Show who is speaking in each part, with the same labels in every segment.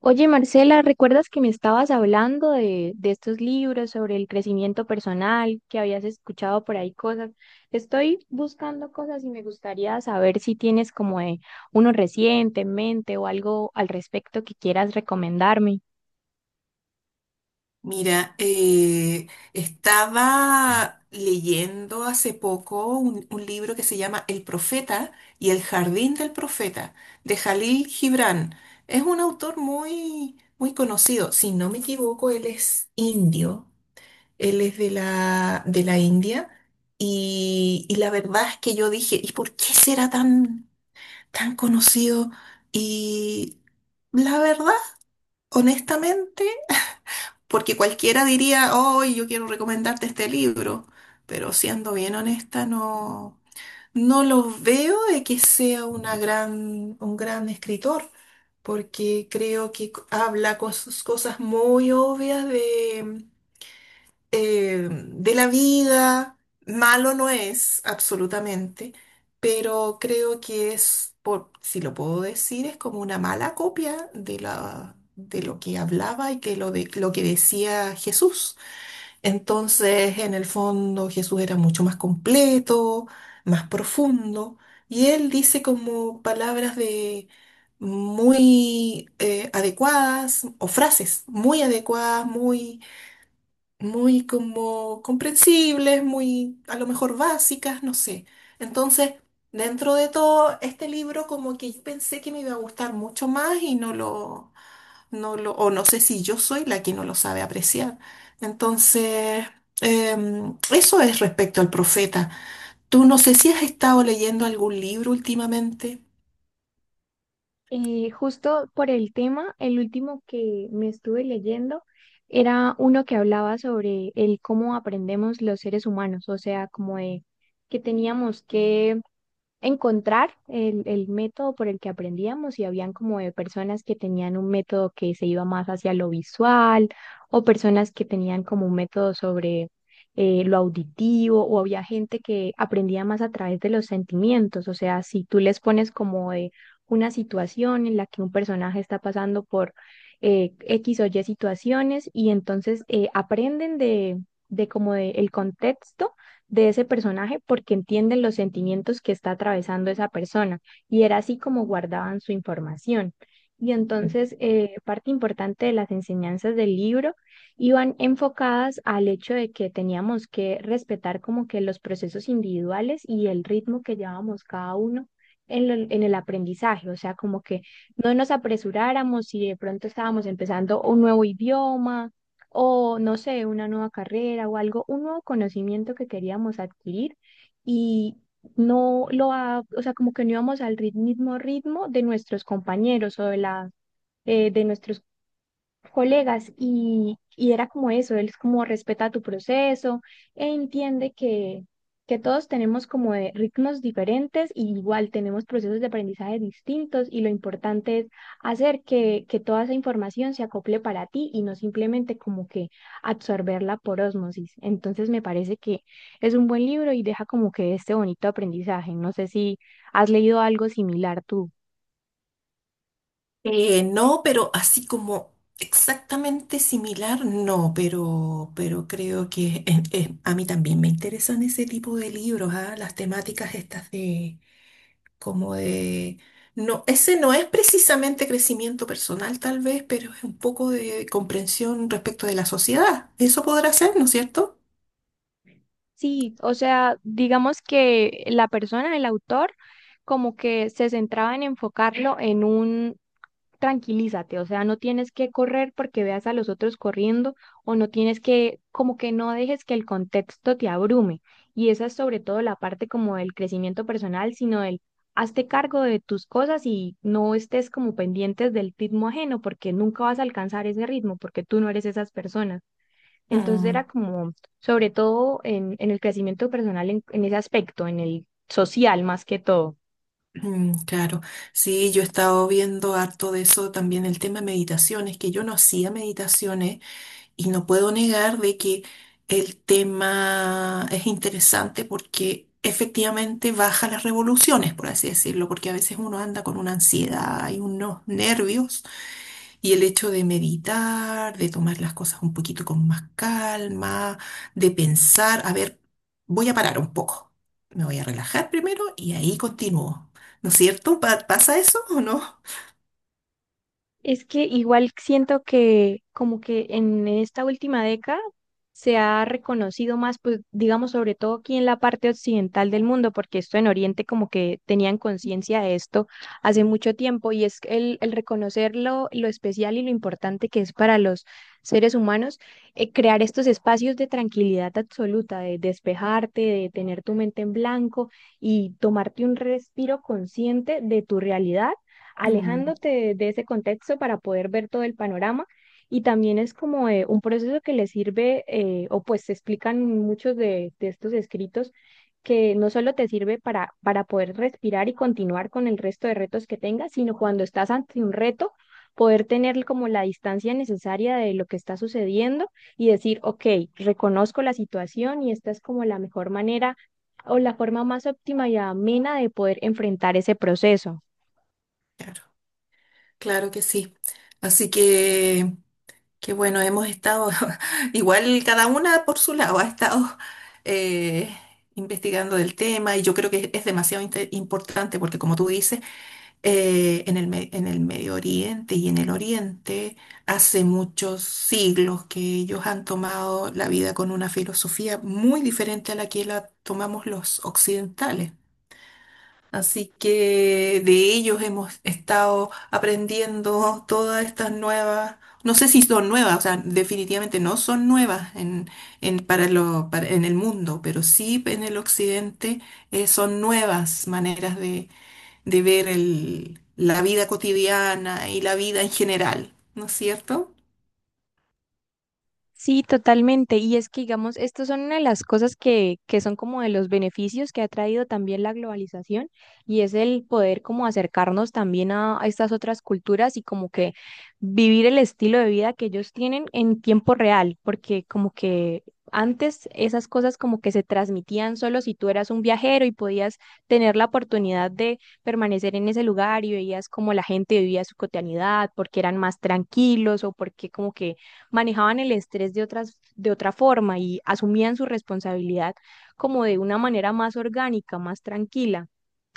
Speaker 1: Oye, Marcela, ¿recuerdas que me estabas hablando de estos libros sobre el crecimiento personal, que habías escuchado por ahí cosas? Estoy buscando cosas y me gustaría saber si tienes como uno reciente en mente o algo al respecto que quieras recomendarme.
Speaker 2: Mira, estaba leyendo hace poco un libro que se llama El Profeta y el Jardín del Profeta, de Jalil Gibran. Es un autor muy, muy conocido. Si no me equivoco, él es indio. Él es de de la India. Y la verdad es que yo dije, ¿y por qué será tan, tan conocido? Y la verdad, honestamente. Porque cualquiera diría, oh, yo quiero recomendarte este libro, pero siendo bien honesta, no, no lo veo de que sea una un gran escritor, porque creo que habla cosas muy obvias de la vida. Malo no es, absolutamente, pero creo que es, por, si lo puedo decir, es como una mala copia de de lo que hablaba y que lo que decía Jesús. Entonces, en el fondo, Jesús era mucho más completo, más profundo, y él dice como palabras de muy adecuadas o frases muy adecuadas, muy muy como comprensibles, muy a lo mejor básicas, no sé. Entonces, dentro de todo, este libro como que yo pensé que me iba a gustar mucho más y no lo, o no sé si yo soy la que no lo sabe apreciar. Entonces, eso es respecto al profeta. Tú no sé si has estado leyendo algún libro últimamente.
Speaker 1: Justo por el tema, el último que me estuve leyendo era uno que hablaba sobre el cómo aprendemos los seres humanos, o sea, como de que teníamos que encontrar el método por el que aprendíamos y habían como de personas que tenían un método que se iba más hacia lo visual o personas que tenían como un método sobre lo auditivo o había gente que aprendía más a través de los sentimientos, o sea, si tú les pones como de una situación en la que un personaje está pasando por X o Y situaciones y entonces aprenden de como de el contexto de ese personaje porque entienden los sentimientos que está atravesando esa persona y era así como guardaban su información. Y entonces, parte importante de las enseñanzas del libro iban enfocadas al hecho de que teníamos que respetar como que los procesos individuales y el ritmo que llevábamos cada uno en, en el aprendizaje, o sea, como que no nos apresuráramos si de pronto estábamos empezando un nuevo idioma o no sé, una nueva carrera o algo, un nuevo conocimiento que queríamos adquirir y no lo, ha- o sea, como que no íbamos al mismo ritmo de nuestros compañeros o de la, de nuestros colegas y era como eso, él es como respeta tu proceso e entiende que todos tenemos como de ritmos diferentes y igual tenemos procesos de aprendizaje distintos y lo importante es hacer que toda esa información se acople para ti y no simplemente como que absorberla por ósmosis. Entonces me parece que es un buen libro y deja como que este bonito aprendizaje. No sé si has leído algo similar tú.
Speaker 2: No, pero así como exactamente similar, no, pero creo que a mí también me interesan ese tipo de libros, ah. Las temáticas estas de como de... No, ese no es precisamente crecimiento personal tal vez, pero es un poco de comprensión respecto de la sociedad. Eso podrá ser, ¿no es cierto?
Speaker 1: Sí, o sea, digamos que la persona, el autor, como que se centraba en enfocarlo en un tranquilízate, o sea, no tienes que correr porque veas a los otros corriendo o no tienes que, como que no dejes que el contexto te abrume. Y esa es sobre todo la parte como del crecimiento personal, sino del hazte cargo de tus cosas y no estés como pendientes del ritmo ajeno porque nunca vas a alcanzar ese ritmo porque tú no eres esas personas. Entonces
Speaker 2: Mm.
Speaker 1: era como, sobre todo en el crecimiento personal, en ese aspecto, en el social más que todo.
Speaker 2: Mm, claro, sí, yo he estado viendo harto de eso también, el tema de meditaciones, que yo no hacía meditaciones y no puedo negar de que el tema es interesante porque efectivamente baja las revoluciones, por así decirlo, porque a veces uno anda con una ansiedad y unos nervios y el hecho de meditar, de tomar las cosas un poquito con más calma, de pensar, a ver, voy a parar un poco, me voy a relajar primero y ahí continúo. ¿No es cierto? ¿Pasa eso o no?
Speaker 1: Es que igual siento que como que en esta última década se ha reconocido más, pues digamos, sobre todo aquí en la parte occidental del mundo, porque esto en Oriente como que tenían conciencia de esto hace mucho tiempo y es el reconocer lo especial y lo importante que es para los seres humanos crear estos espacios de tranquilidad absoluta, de despejarte, de tener tu mente en blanco y tomarte un respiro consciente de tu realidad
Speaker 2: Mm,
Speaker 1: alejándote de ese contexto para poder ver todo el panorama. Y también es como un proceso que le sirve, o pues se explican muchos de estos escritos, que no solo te sirve para poder respirar y continuar con el resto de retos que tengas, sino cuando estás ante un reto, poder tener como la distancia necesaria de lo que está sucediendo y decir, ok, reconozco la situación y esta es como la mejor manera o la forma más óptima y amena de poder enfrentar ese proceso.
Speaker 2: claro, claro que sí. Así que bueno, hemos estado, igual cada una por su lado, ha estado eh, investigando del tema y yo creo que es demasiado importante porque como tú dices, en en el Medio Oriente y en el Oriente, hace muchos siglos que ellos han tomado la vida con una filosofía muy diferente a la que la tomamos los occidentales. Así que de ellos hemos estado aprendiendo todas estas nuevas, no sé si son nuevas, o sea, definitivamente no son nuevas en, para lo, para- en el mundo, pero sí en el occidente son nuevas maneras de ver la vida cotidiana y la vida en general, ¿no es cierto?
Speaker 1: Sí, totalmente. Y es que, digamos, estos son una de las cosas que son como de los beneficios que ha traído también la globalización y es el poder como acercarnos también a estas otras culturas y como que vivir el estilo de vida que ellos tienen en tiempo real, porque como que antes esas cosas como que se transmitían solo si tú eras un viajero y podías tener la oportunidad de permanecer en ese lugar y veías como la gente vivía su cotidianidad, porque eran más tranquilos o porque como que manejaban el estrés de otras, de otra forma y asumían su responsabilidad como de una manera más orgánica, más tranquila.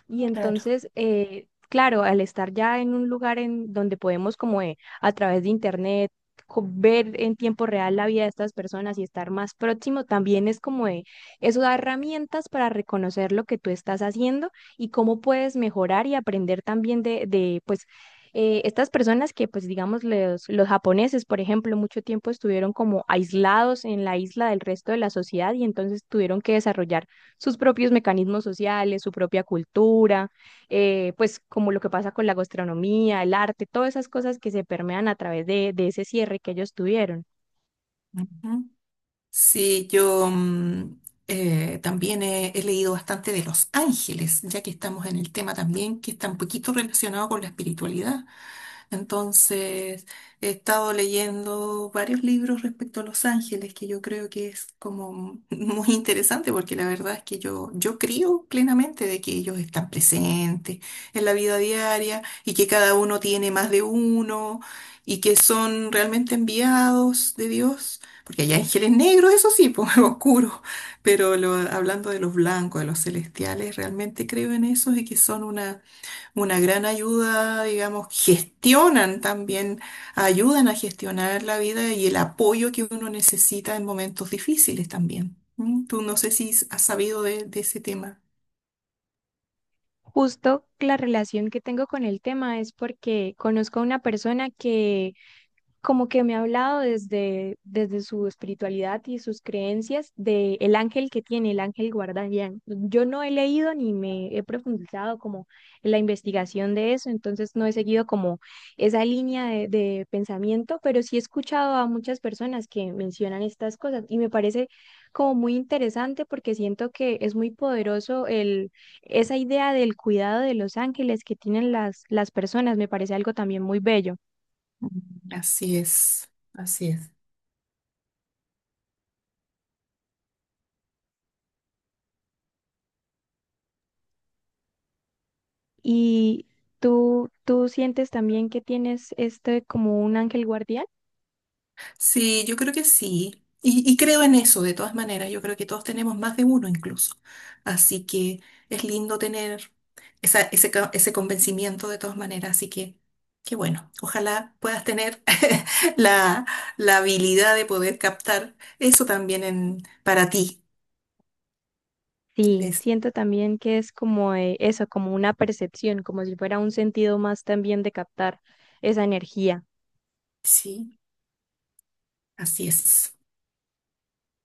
Speaker 1: Y
Speaker 2: Claro.
Speaker 1: entonces, claro, al estar ya en un lugar en donde podemos como a través de internet ver en tiempo real la vida de estas personas y estar más próximo, también es como eso da herramientas para reconocer lo que tú estás haciendo y cómo puedes mejorar y aprender también de pues, estas personas que, pues, digamos, los japoneses, por ejemplo, mucho tiempo estuvieron como aislados en la isla del resto de la sociedad y entonces tuvieron que desarrollar sus propios mecanismos sociales, su propia cultura, pues como lo que pasa con la gastronomía, el arte, todas esas cosas que se permean a través de ese cierre que ellos tuvieron.
Speaker 2: Ujú. Sí, yo también he leído bastante de los ángeles, ya que estamos en el tema también que está un poquito relacionado con la espiritualidad. Entonces, he estado leyendo varios libros respecto a Los Ángeles, que yo creo que es como muy interesante, porque la verdad es que yo creo plenamente de que ellos están presentes en la vida diaria y que cada uno tiene más de uno y que son realmente enviados de Dios. Porque hay ángeles negros, eso sí, pues oscuros, pero hablando de los blancos, de los celestiales, realmente creo en eso y que son una gran ayuda, digamos, gestionan también, ayudan a gestionar la vida y el apoyo que uno necesita en momentos difíciles también. ¿Mm? Tú no sé si has sabido de ese tema.
Speaker 1: Justo la relación que tengo con el tema es porque conozco a una persona que como que me ha hablado desde su espiritualidad y sus creencias de el ángel que tiene, el ángel guardián. Yo no he leído ni me he profundizado como en la investigación de eso, entonces no he seguido como esa línea de pensamiento, pero sí he escuchado a muchas personas que mencionan estas cosas y me parece como muy interesante porque siento que es muy poderoso el, esa idea del cuidado de los ángeles que tienen las personas, me parece algo también muy bello.
Speaker 2: Mm, así es, así es.
Speaker 1: ¿Y tú sientes también que tienes este como un ángel guardián?
Speaker 2: Sí, yo creo que sí. Y creo en eso, de todas maneras. Yo creo que todos tenemos más de uno incluso. Así que es lindo tener ese convencimiento de todas maneras. Así que, qué bueno. Ojalá puedas tener la, la habilidad de poder captar eso también en, para ti.
Speaker 1: Sí,
Speaker 2: Les-
Speaker 1: siento también que es como eso, como una percepción, como si fuera un sentido más también de captar esa energía.
Speaker 2: sí, así es.